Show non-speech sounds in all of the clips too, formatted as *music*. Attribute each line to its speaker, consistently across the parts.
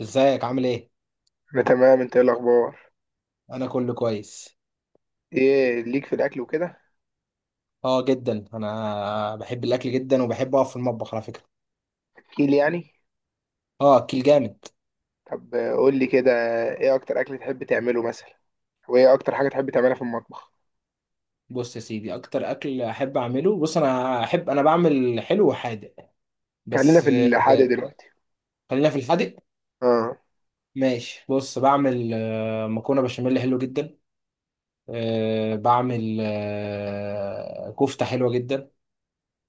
Speaker 1: ازيك عامل ايه؟
Speaker 2: انا تمام، انت ايه الاخبار؟
Speaker 1: انا كله كويس.
Speaker 2: ايه ليك في الاكل وكده؟
Speaker 1: اه جدا، انا بحب الاكل جدا وبحب اقف في المطبخ على فكره.
Speaker 2: احكي لي يعني.
Speaker 1: اه، اكل جامد.
Speaker 2: طب قول لي كده. ايه اكتر اكل تحب تعمله مثلا؟ وايه اكتر حاجه تحب تعملها في المطبخ؟
Speaker 1: بص يا سيدي، اكتر اكل احب اعمله، بص، انا بعمل حلو وحادق
Speaker 2: خلينا
Speaker 1: بس
Speaker 2: في الحادق دلوقتي.
Speaker 1: خلينا في الحادق.
Speaker 2: اه.
Speaker 1: ماشي، بص بعمل مكرونه بشاميل حلو جدا. بعمل كفته حلوه جدا.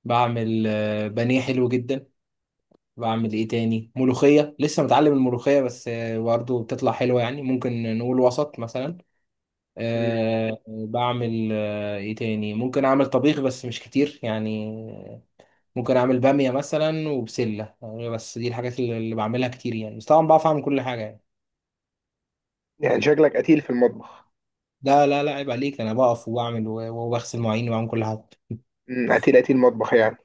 Speaker 1: بعمل بانيه حلو جدا. بعمل ايه تاني؟ ملوخيه، لسه متعلم الملوخيه بس برضه بتطلع حلوه، يعني ممكن نقول وسط مثلا.
Speaker 2: مم.
Speaker 1: بعمل ايه تاني؟ ممكن اعمل طبيخ بس مش كتير يعني. ممكن اعمل بامية مثلا وبسلة بس دي الحاجات اللي بعملها كتير يعني، بس طبعا بعرف اعمل كل حاجة يعني.
Speaker 2: يعني شكلك قتيل في المطبخ.
Speaker 1: لا لا لا، عيب عليك، انا بقف وبعمل وبغسل مواعين وبعمل كل حاجة.
Speaker 2: قتيل قتيل مطبخ يعني.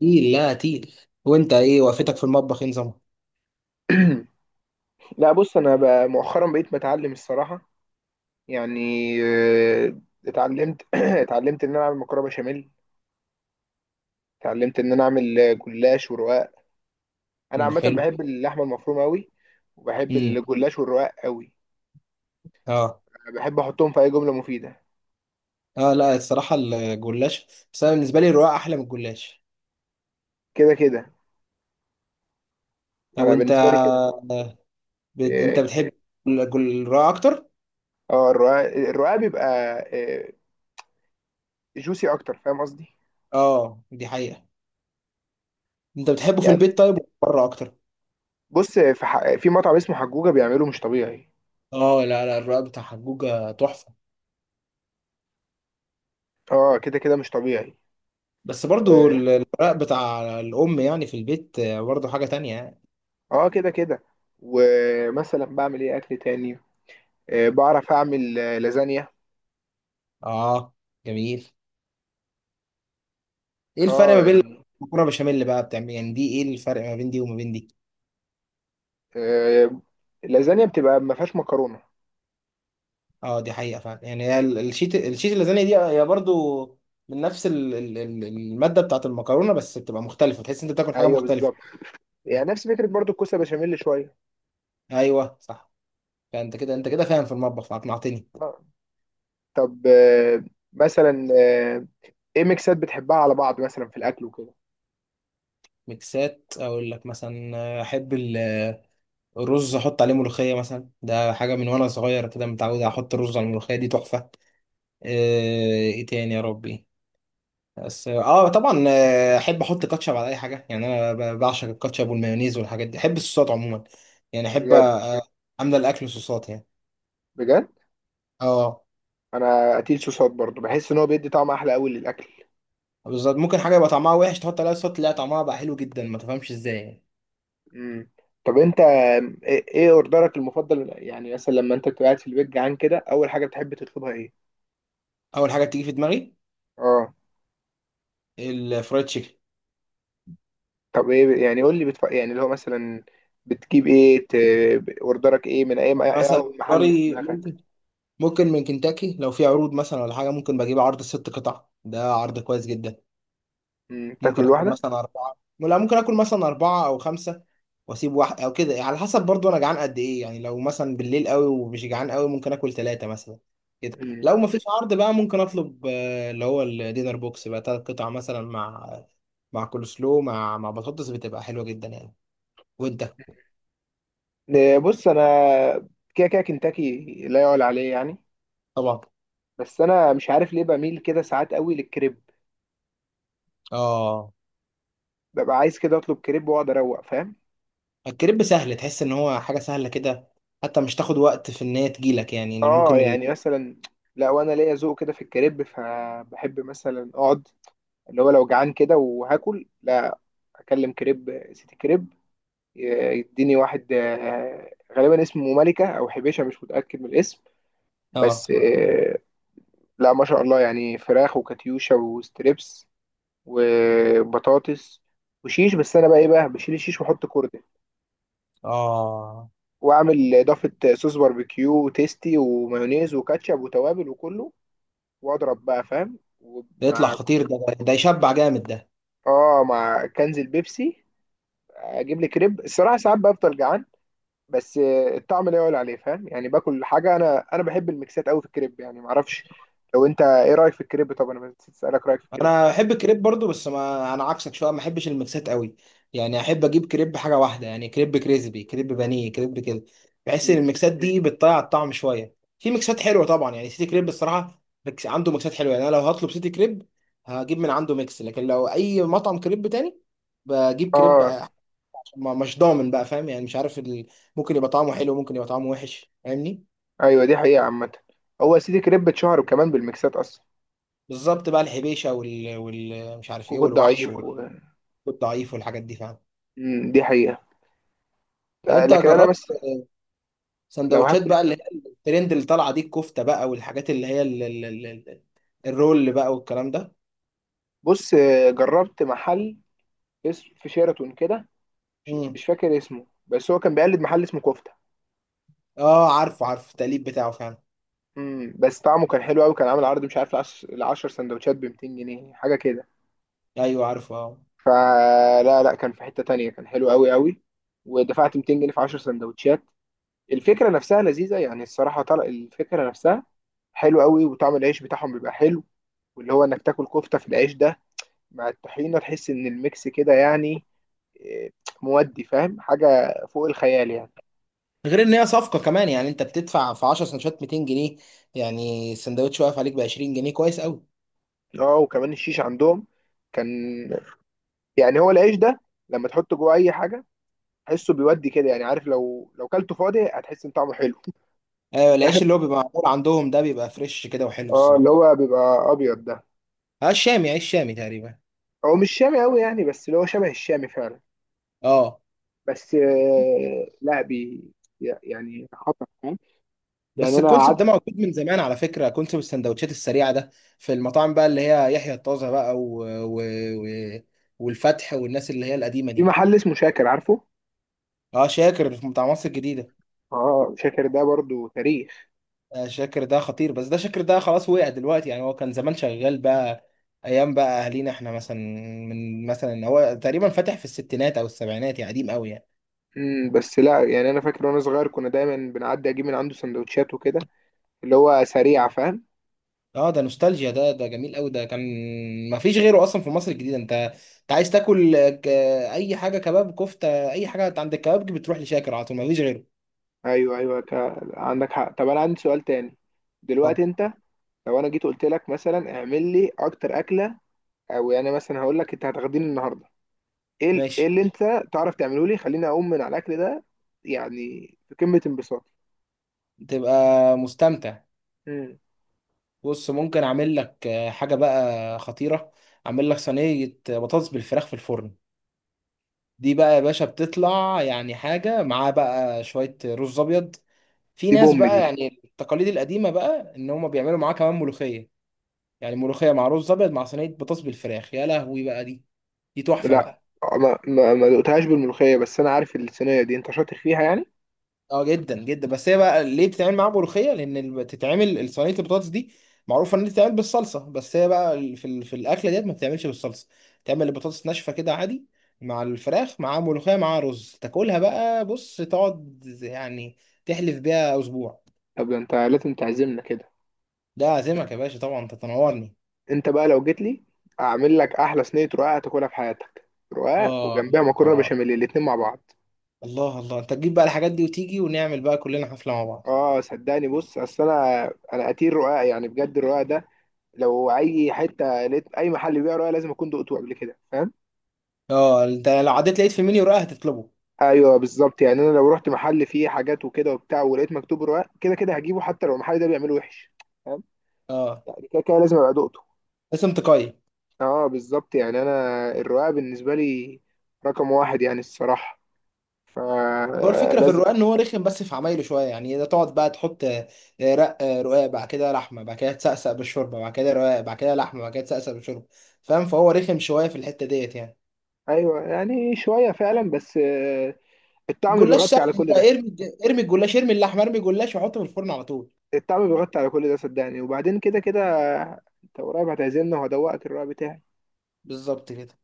Speaker 1: تقيل، لا، تقيل. وانت ايه وقفتك في المطبخ؟ ايه نظامها؟
Speaker 2: *clears throat* لا بص، انا بقى مؤخرا بقيت بتعلم الصراحه. يعني آه، اتعلمت *clears throat* اتعلمت ان انا اعمل مكرونه بشاميل. اتعلمت ان انا اعمل جلاش ورقاق. انا
Speaker 1: مم،
Speaker 2: عامه
Speaker 1: حلو.
Speaker 2: بحب اللحمه المفرومه قوي، وبحب
Speaker 1: امم.
Speaker 2: الجلاش والرقاق قوي.
Speaker 1: اه.
Speaker 2: بحب احطهم في اي جمله مفيده.
Speaker 1: اه لا، الصراحة الجلاش، بس انا بالنسبة لي الرقاق احلى من الجلاش.
Speaker 2: كده كده.
Speaker 1: لو
Speaker 2: انا
Speaker 1: انت
Speaker 2: بالنسبه لي كده.
Speaker 1: آه، انت
Speaker 2: إيه،
Speaker 1: بتحب الرقاق اكتر؟
Speaker 2: اه الرقاق الرقاق بيبقى جوسي اكتر، فاهم قصدي؟
Speaker 1: اه دي حقيقة. انت بتحبه في
Speaker 2: يعني
Speaker 1: البيت طيب ولا بره اكتر؟
Speaker 2: بص، في مطعم اسمه حجوجه بيعمله مش طبيعي.
Speaker 1: اه لا لا، الرق بتاع حجوجة تحفة.
Speaker 2: اه كده كده مش طبيعي.
Speaker 1: بس برضو
Speaker 2: و...
Speaker 1: الرق بتاع الام يعني في البيت برضو حاجة تانية يعني.
Speaker 2: اه كده كده. ومثلا بعمل ايه اكل تاني؟ بعرف اعمل لازانيا.
Speaker 1: اه جميل. ايه الفرق ما
Speaker 2: اه
Speaker 1: بين
Speaker 2: يعني،
Speaker 1: المكرونة بشاميل بقى بتعمل يعني؟ دي ايه الفرق ما بين دي وما بين دي؟
Speaker 2: آه اللازانيا بتبقى ما فيهاش مكرونه.
Speaker 1: اه دي حقيقة فعلا. يعني هي الشيت اللازانيا دي هي برضو من نفس المادة بتاعت المكرونة، بس بتبقى مختلفة، تحس انت بتاكل حاجة
Speaker 2: ايوه
Speaker 1: مختلفة.
Speaker 2: بالظبط. يعني نفس فكره برضو الكوسه بشاميل شويه.
Speaker 1: ايوه صح. فانت كده فاهم في المطبخ، فاقنعتني.
Speaker 2: آه. طب مثلا، ايه ميكسات بتحبها على بعض مثلا في الاكل وكده؟
Speaker 1: ميكسات، اقول لك مثلا احب ال رز، احط عليه ملوخيه مثلا، ده حاجه من وانا صغير كده، متعود احط الرز على الملوخيه، دي تحفه. آه، ايه تاني يا ربي؟ بس اه، طبعا احب احط كاتشب على اي حاجه يعني، انا بعشق الكاتشب والمايونيز والحاجات دي، احب الصوصات عموما. يعني احب
Speaker 2: بجد؟
Speaker 1: املى الاكل صوصات يعني.
Speaker 2: بجد؟
Speaker 1: اه
Speaker 2: انا قتيل صوصات برضو، بحس ان هو بيدي طعم احلى قوي للاكل.
Speaker 1: بالظبط، ممكن حاجه يبقى طعمها وحش، تحط عليها صوص تلاقي طعمها بقى حلو جدا، ما تفهمش ازاي يعني.
Speaker 2: امم. طب انت إيه اوردرك المفضل يعني؟ مثلا لما انت بتبقى قاعد في البيت جعان كده، اول حاجه بتحب تطلبها ايه؟
Speaker 1: اول حاجه بتيجي في دماغي
Speaker 2: اه.
Speaker 1: الفرايد تشيكن.
Speaker 2: طب ايه يعني، قول لي، يعني اللي هو مثلا، بتجيب ايه ت... اوردرك ايه من
Speaker 1: يعني
Speaker 2: أي
Speaker 1: مثلا
Speaker 2: محل في
Speaker 1: الكاري
Speaker 2: دماغك؟
Speaker 1: ممكن، ممكن من كنتاكي لو في عروض مثلا ولا حاجة، ممكن بجيب عرض ست قطع، ده عرض كويس جدا.
Speaker 2: تاكله
Speaker 1: ممكن آكل
Speaker 2: لوحدك؟
Speaker 1: مثلا أربعة، لا، ممكن آكل مثلا أربعة أو خمسة وأسيب واحد أو كده، على حسب برضو أنا جعان قد إيه يعني. لو مثلا بالليل قوي ومش جعان قوي ممكن آكل ثلاثة مثلا. كده
Speaker 2: امم
Speaker 1: لو ما فيش عرض بقى ممكن أطلب اللي هو الدينر بوكس بقى، تلات قطع مثلا، مع كول سلو، مع بطاطس بتبقى حلوة جدا يعني. وأنت؟
Speaker 2: إيه، بص انا، كده كده كنتاكي لا يعلى عليه يعني.
Speaker 1: طبعا
Speaker 2: بس انا مش عارف ليه بميل كده ساعات قوي للكريب.
Speaker 1: آه.
Speaker 2: ببقى عايز كده اطلب كريب واقعد اروق، فاهم؟
Speaker 1: الكريب سهل، تحس ان هو حاجه سهله كده، حتى مش تاخد وقت في ان هي تجيلك يعني، اللي
Speaker 2: اه
Speaker 1: ممكن
Speaker 2: يعني مثلا، لا وانا ليا ذوق كده في الكريب، فبحب مثلا اقعد، اللي هو لو جعان كده وهاكل، لا اكلم كريب، سيتي كريب. يديني واحد غالبا اسمه ملكة او حبيشة، مش متأكد من الاسم. بس
Speaker 1: اه.
Speaker 2: لا ما شاء الله، يعني فراخ وكاتيوشا وستريبس وبطاطس وشيش. بس انا بقى ايه بقى، بشيل الشيش واحط كوردة،
Speaker 1: اه.
Speaker 2: واعمل اضافه صوص باربيكيو وتيستي ومايونيز وكاتشب وتوابل، وكله. واضرب بقى، فاهم؟
Speaker 1: ده يطلع
Speaker 2: ومع،
Speaker 1: خطير ده، ده يشبع جامد ده.
Speaker 2: اه، مع كنز البيبسي، اجيب لي كريب. الصراحه ساعات بفضل جعان، بس الطعم لا يعلى عليه، فاهم؟ يعني باكل حاجه. انا بحب الميكسات قوي في الكريب، يعني معرفش. لو انت ايه رايك في الكريب؟ طب انا نسيت اسالك رايك في الكريب.
Speaker 1: انا بحب الكريب برضو بس ما انا عكسك شويه، ما بحبش الميكسات قوي. يعني احب اجيب كريب حاجه واحده، يعني كريب كريسبي، كريب بانيه، كريب كده. بحس ان
Speaker 2: مم.
Speaker 1: الميكسات دي بتضيع الطعم شويه. في ميكسات حلوه طبعا يعني، سيتي كريب الصراحه عنده ميكسات حلوه يعني. انا لو هطلب سيتي كريب هجيب من عنده ميكس، لكن لو اي مطعم كريب تاني بجيب كريب
Speaker 2: اه.
Speaker 1: مش ضامن بقى، فاهم يعني، مش عارف ممكن يبقى طعمه حلو، ممكن يبقى طعمه وحش، فاهمني؟
Speaker 2: ايوه دي حقيقه عامه. هو يا سيدي كريب اتشهر كمان بالميكسات اصلا.
Speaker 1: بالظبط بقى، الحبيشه مش عارف ايه،
Speaker 2: كوكو
Speaker 1: والوحش
Speaker 2: ضعيف
Speaker 1: والضعيف والحاجات دي فاهم.
Speaker 2: دي حقيقه.
Speaker 1: انت
Speaker 2: لكن انا
Speaker 1: جربت
Speaker 2: بس، لو
Speaker 1: سندوتشات
Speaker 2: هاكل.
Speaker 1: بقى اللي هي الترند اللي طالعه دي، الكفته بقى والحاجات اللي هي الرول بقى والكلام ده؟
Speaker 2: بص جربت محل، في شيراتون كده، مش
Speaker 1: امم.
Speaker 2: مش فاكر اسمه، بس هو كان بيقلد محل اسمه كفته.
Speaker 1: اه عارفه، عارف التقليب بتاعه فعلا.
Speaker 2: بس طعمه كان حلو قوي. كان عامل عرض، مش عارف، العشر سندوتشات ب 200 جنيه، حاجه كده.
Speaker 1: ايوه عارفه اه.
Speaker 2: فلا لا لا، كان في حته تانية، كان حلو قوي قوي. ودفعت 200 جنيه في 10 سندوتشات. الفكره نفسها لذيذه يعني، الصراحه طلع الفكره نفسها حلو قوي. وطعم العيش بتاعهم بيبقى حلو، واللي هو انك تاكل كفته في العيش ده مع الطحينه، تحس ان الميكس كده، يعني إيه، مودي، فاهم؟ حاجه فوق الخيال يعني.
Speaker 1: غير ان هي صفقه كمان يعني، انت بتدفع في 10 سندوتشات 200 جنيه، يعني السندوتش واقف عليك ب 20 جنيه كويس قوي.
Speaker 2: اه وكمان الشيش عندهم كان، يعني هو العيش ده لما تحطه جوه اي حاجه تحسه بيودي كده. يعني عارف، لو كلته فاضي هتحس ان طعمه حلو.
Speaker 1: ايوه،
Speaker 2: *laughs*
Speaker 1: العيش
Speaker 2: فاهم؟
Speaker 1: اللي هو بيبقى معمول عندهم ده بيبقى فريش كده وحلو
Speaker 2: اه اللي
Speaker 1: الصراحه.
Speaker 2: هو بيبقى ابيض ده.
Speaker 1: اه الشامي، عيش شامي تقريبا.
Speaker 2: هو مش شامي قوي يعني، بس اللي هو شبه الشامي فعلا.
Speaker 1: اه
Speaker 2: بس لا بي، يعني خطر، فاهم؟
Speaker 1: بس
Speaker 2: يعني انا
Speaker 1: الكونسيبت ده
Speaker 2: قعدت
Speaker 1: موجود من زمان على فكره، كونسيبت السندوتشات السريعه ده، في المطاعم بقى اللي هي يحيى الطازه بقى والفتح والناس اللي هي القديمه
Speaker 2: في
Speaker 1: دي.
Speaker 2: محل اسمه شاكر، عارفه؟
Speaker 1: اه شاكر، في بتاع مصر الجديده.
Speaker 2: اه شاكر ده برضو تاريخ.
Speaker 1: آه شاكر ده خطير، بس ده شاكر ده خلاص وقع دلوقتي يعني، هو كان زمان شغال بقى ايام بقى اهالينا احنا مثلا. من مثلا هو تقريبا فاتح في الستينات او السبعينات، يعني قديم قوي يعني.
Speaker 2: بس لا، يعني انا فاكر وانا صغير كنا دايما بنعدي اجيب من عنده سندوتشات وكده، اللي هو سريعه، فاهم؟
Speaker 1: اه ده نوستالجيا ده، ده جميل قوي ده، كان ما فيش غيره اصلا في مصر الجديده. انت انت عايز تاكل اي حاجه، كباب، كفته، اي حاجه عند الكبابجي بتروح لشاكر على طول، ما فيش غيره.
Speaker 2: ايوه ايوه، عندك حق. طب انا عندي سؤال تاني. دلوقتي
Speaker 1: اتفضل.
Speaker 2: انت، لو انا جيت قلت لك مثلا اعمل لي اكتر اكله، او يعني مثلا هقول لك انت هتاخديني النهارده ايه
Speaker 1: ماشي.
Speaker 2: اللي انت تعرف تعمله لي، خليني اقوم من على الاكل ده يعني، في قمه انبساطي.
Speaker 1: تبقى مستمتع.
Speaker 2: مم.
Speaker 1: بص، ممكن اعمل لك حاجه بقى خطيره. اعمل لك صينيه بطاطس بالفراخ في الفرن. دي بقى يا باشا بتطلع يعني حاجه، معاه بقى شويه رز ابيض. في
Speaker 2: دي
Speaker 1: ناس
Speaker 2: بوم دي.
Speaker 1: بقى يعني التقاليد القديمه بقى، ان هم بيعملوا معاه كمان ملوخيه. يعني ملوخيه مع رز ابيض مع صينيه بطاطس بالفراخ، يا لهوي بقى، دي دي تحفه
Speaker 2: لا،
Speaker 1: بقى.
Speaker 2: ما دقتهاش بالملوخيه، بس انا عارف الصينيه دي انت شاطر فيها يعني.
Speaker 1: اه جدا جدا. بس هي بقى ليه بتتعمل معاها ملوخيه؟ لان بتتعمل صينيه البطاطس دي، معروفه ان هي بتتعمل بالصلصه، بس هي بقى في الاكله ديت ما بتتعملش بالصلصه، تعمل البطاطس ناشفه كده عادي، مع الفراخ مع ملوخيه مع رز، تاكلها بقى، بص تقعد يعني تحلف بيها اسبوع.
Speaker 2: طب ده انت لازم تعزمنا كده.
Speaker 1: ده عازمك يا باشا طبعا، انت تنورني.
Speaker 2: انت بقى لو جيت لي، اعمل لك احلى صينيه رقاق هتاكلها في حياتك. رقاق
Speaker 1: اه
Speaker 2: وجنبها مكرونه
Speaker 1: اه،
Speaker 2: بشاميل، الاتنين مع بعض.
Speaker 1: الله الله، انت تجيب بقى الحاجات دي وتيجي ونعمل بقى كلنا حفله مع بعض.
Speaker 2: اه صدقني، بص اصل انا قتيل رقاق يعني، بجد. الرقاق ده لو اي حته لقيت اي محل بيبيع رقاق لازم اكون دقته قبل كده، فاهم؟
Speaker 1: اه، انت لو عديت لقيت في منيو رقاق هتطلبه.
Speaker 2: ايوه بالظبط. يعني انا لو رحت محل فيه حاجات وكده وبتاع، ولقيت مكتوب رقاق، كده كده هجيبه. حتى لو المحل ده بيعمله وحش، فاهم؟
Speaker 1: اه،
Speaker 2: يعني كده كده لازم ابقى دقته.
Speaker 1: اسم تقيل.
Speaker 2: اه بالظبط. يعني انا الرقاق بالنسبه لي رقم واحد يعني الصراحه،
Speaker 1: هو الفكره في
Speaker 2: فلازم.
Speaker 1: الرقاق ان هو رخم بس في عمايله شويه يعني، اذا تقعد بقى تحط رق آه، رقاق بعد كده لحمه بعد كده تسقسق بالشوربه بعد كده رقاق بعد كده لحمه بعد كده تسقسق بالشوربه، فاهم؟ فهو رخم شويه في الحته ديت يعني.
Speaker 2: ايوه يعني شويه فعلا، بس الطعم
Speaker 1: الجلاش
Speaker 2: بيغطي
Speaker 1: سهل،
Speaker 2: على
Speaker 1: انت
Speaker 2: كل ده.
Speaker 1: ارمي ارمي الجلاش ارمي اللحمه ارمي الجلاش وحطه في الفرن على طول.
Speaker 2: التعب بيغطي على كل ده صدقني. وبعدين كده كده انت قريب هتعزلنا، وهدوقك الرأي بتاعي.
Speaker 1: بالظبط كده.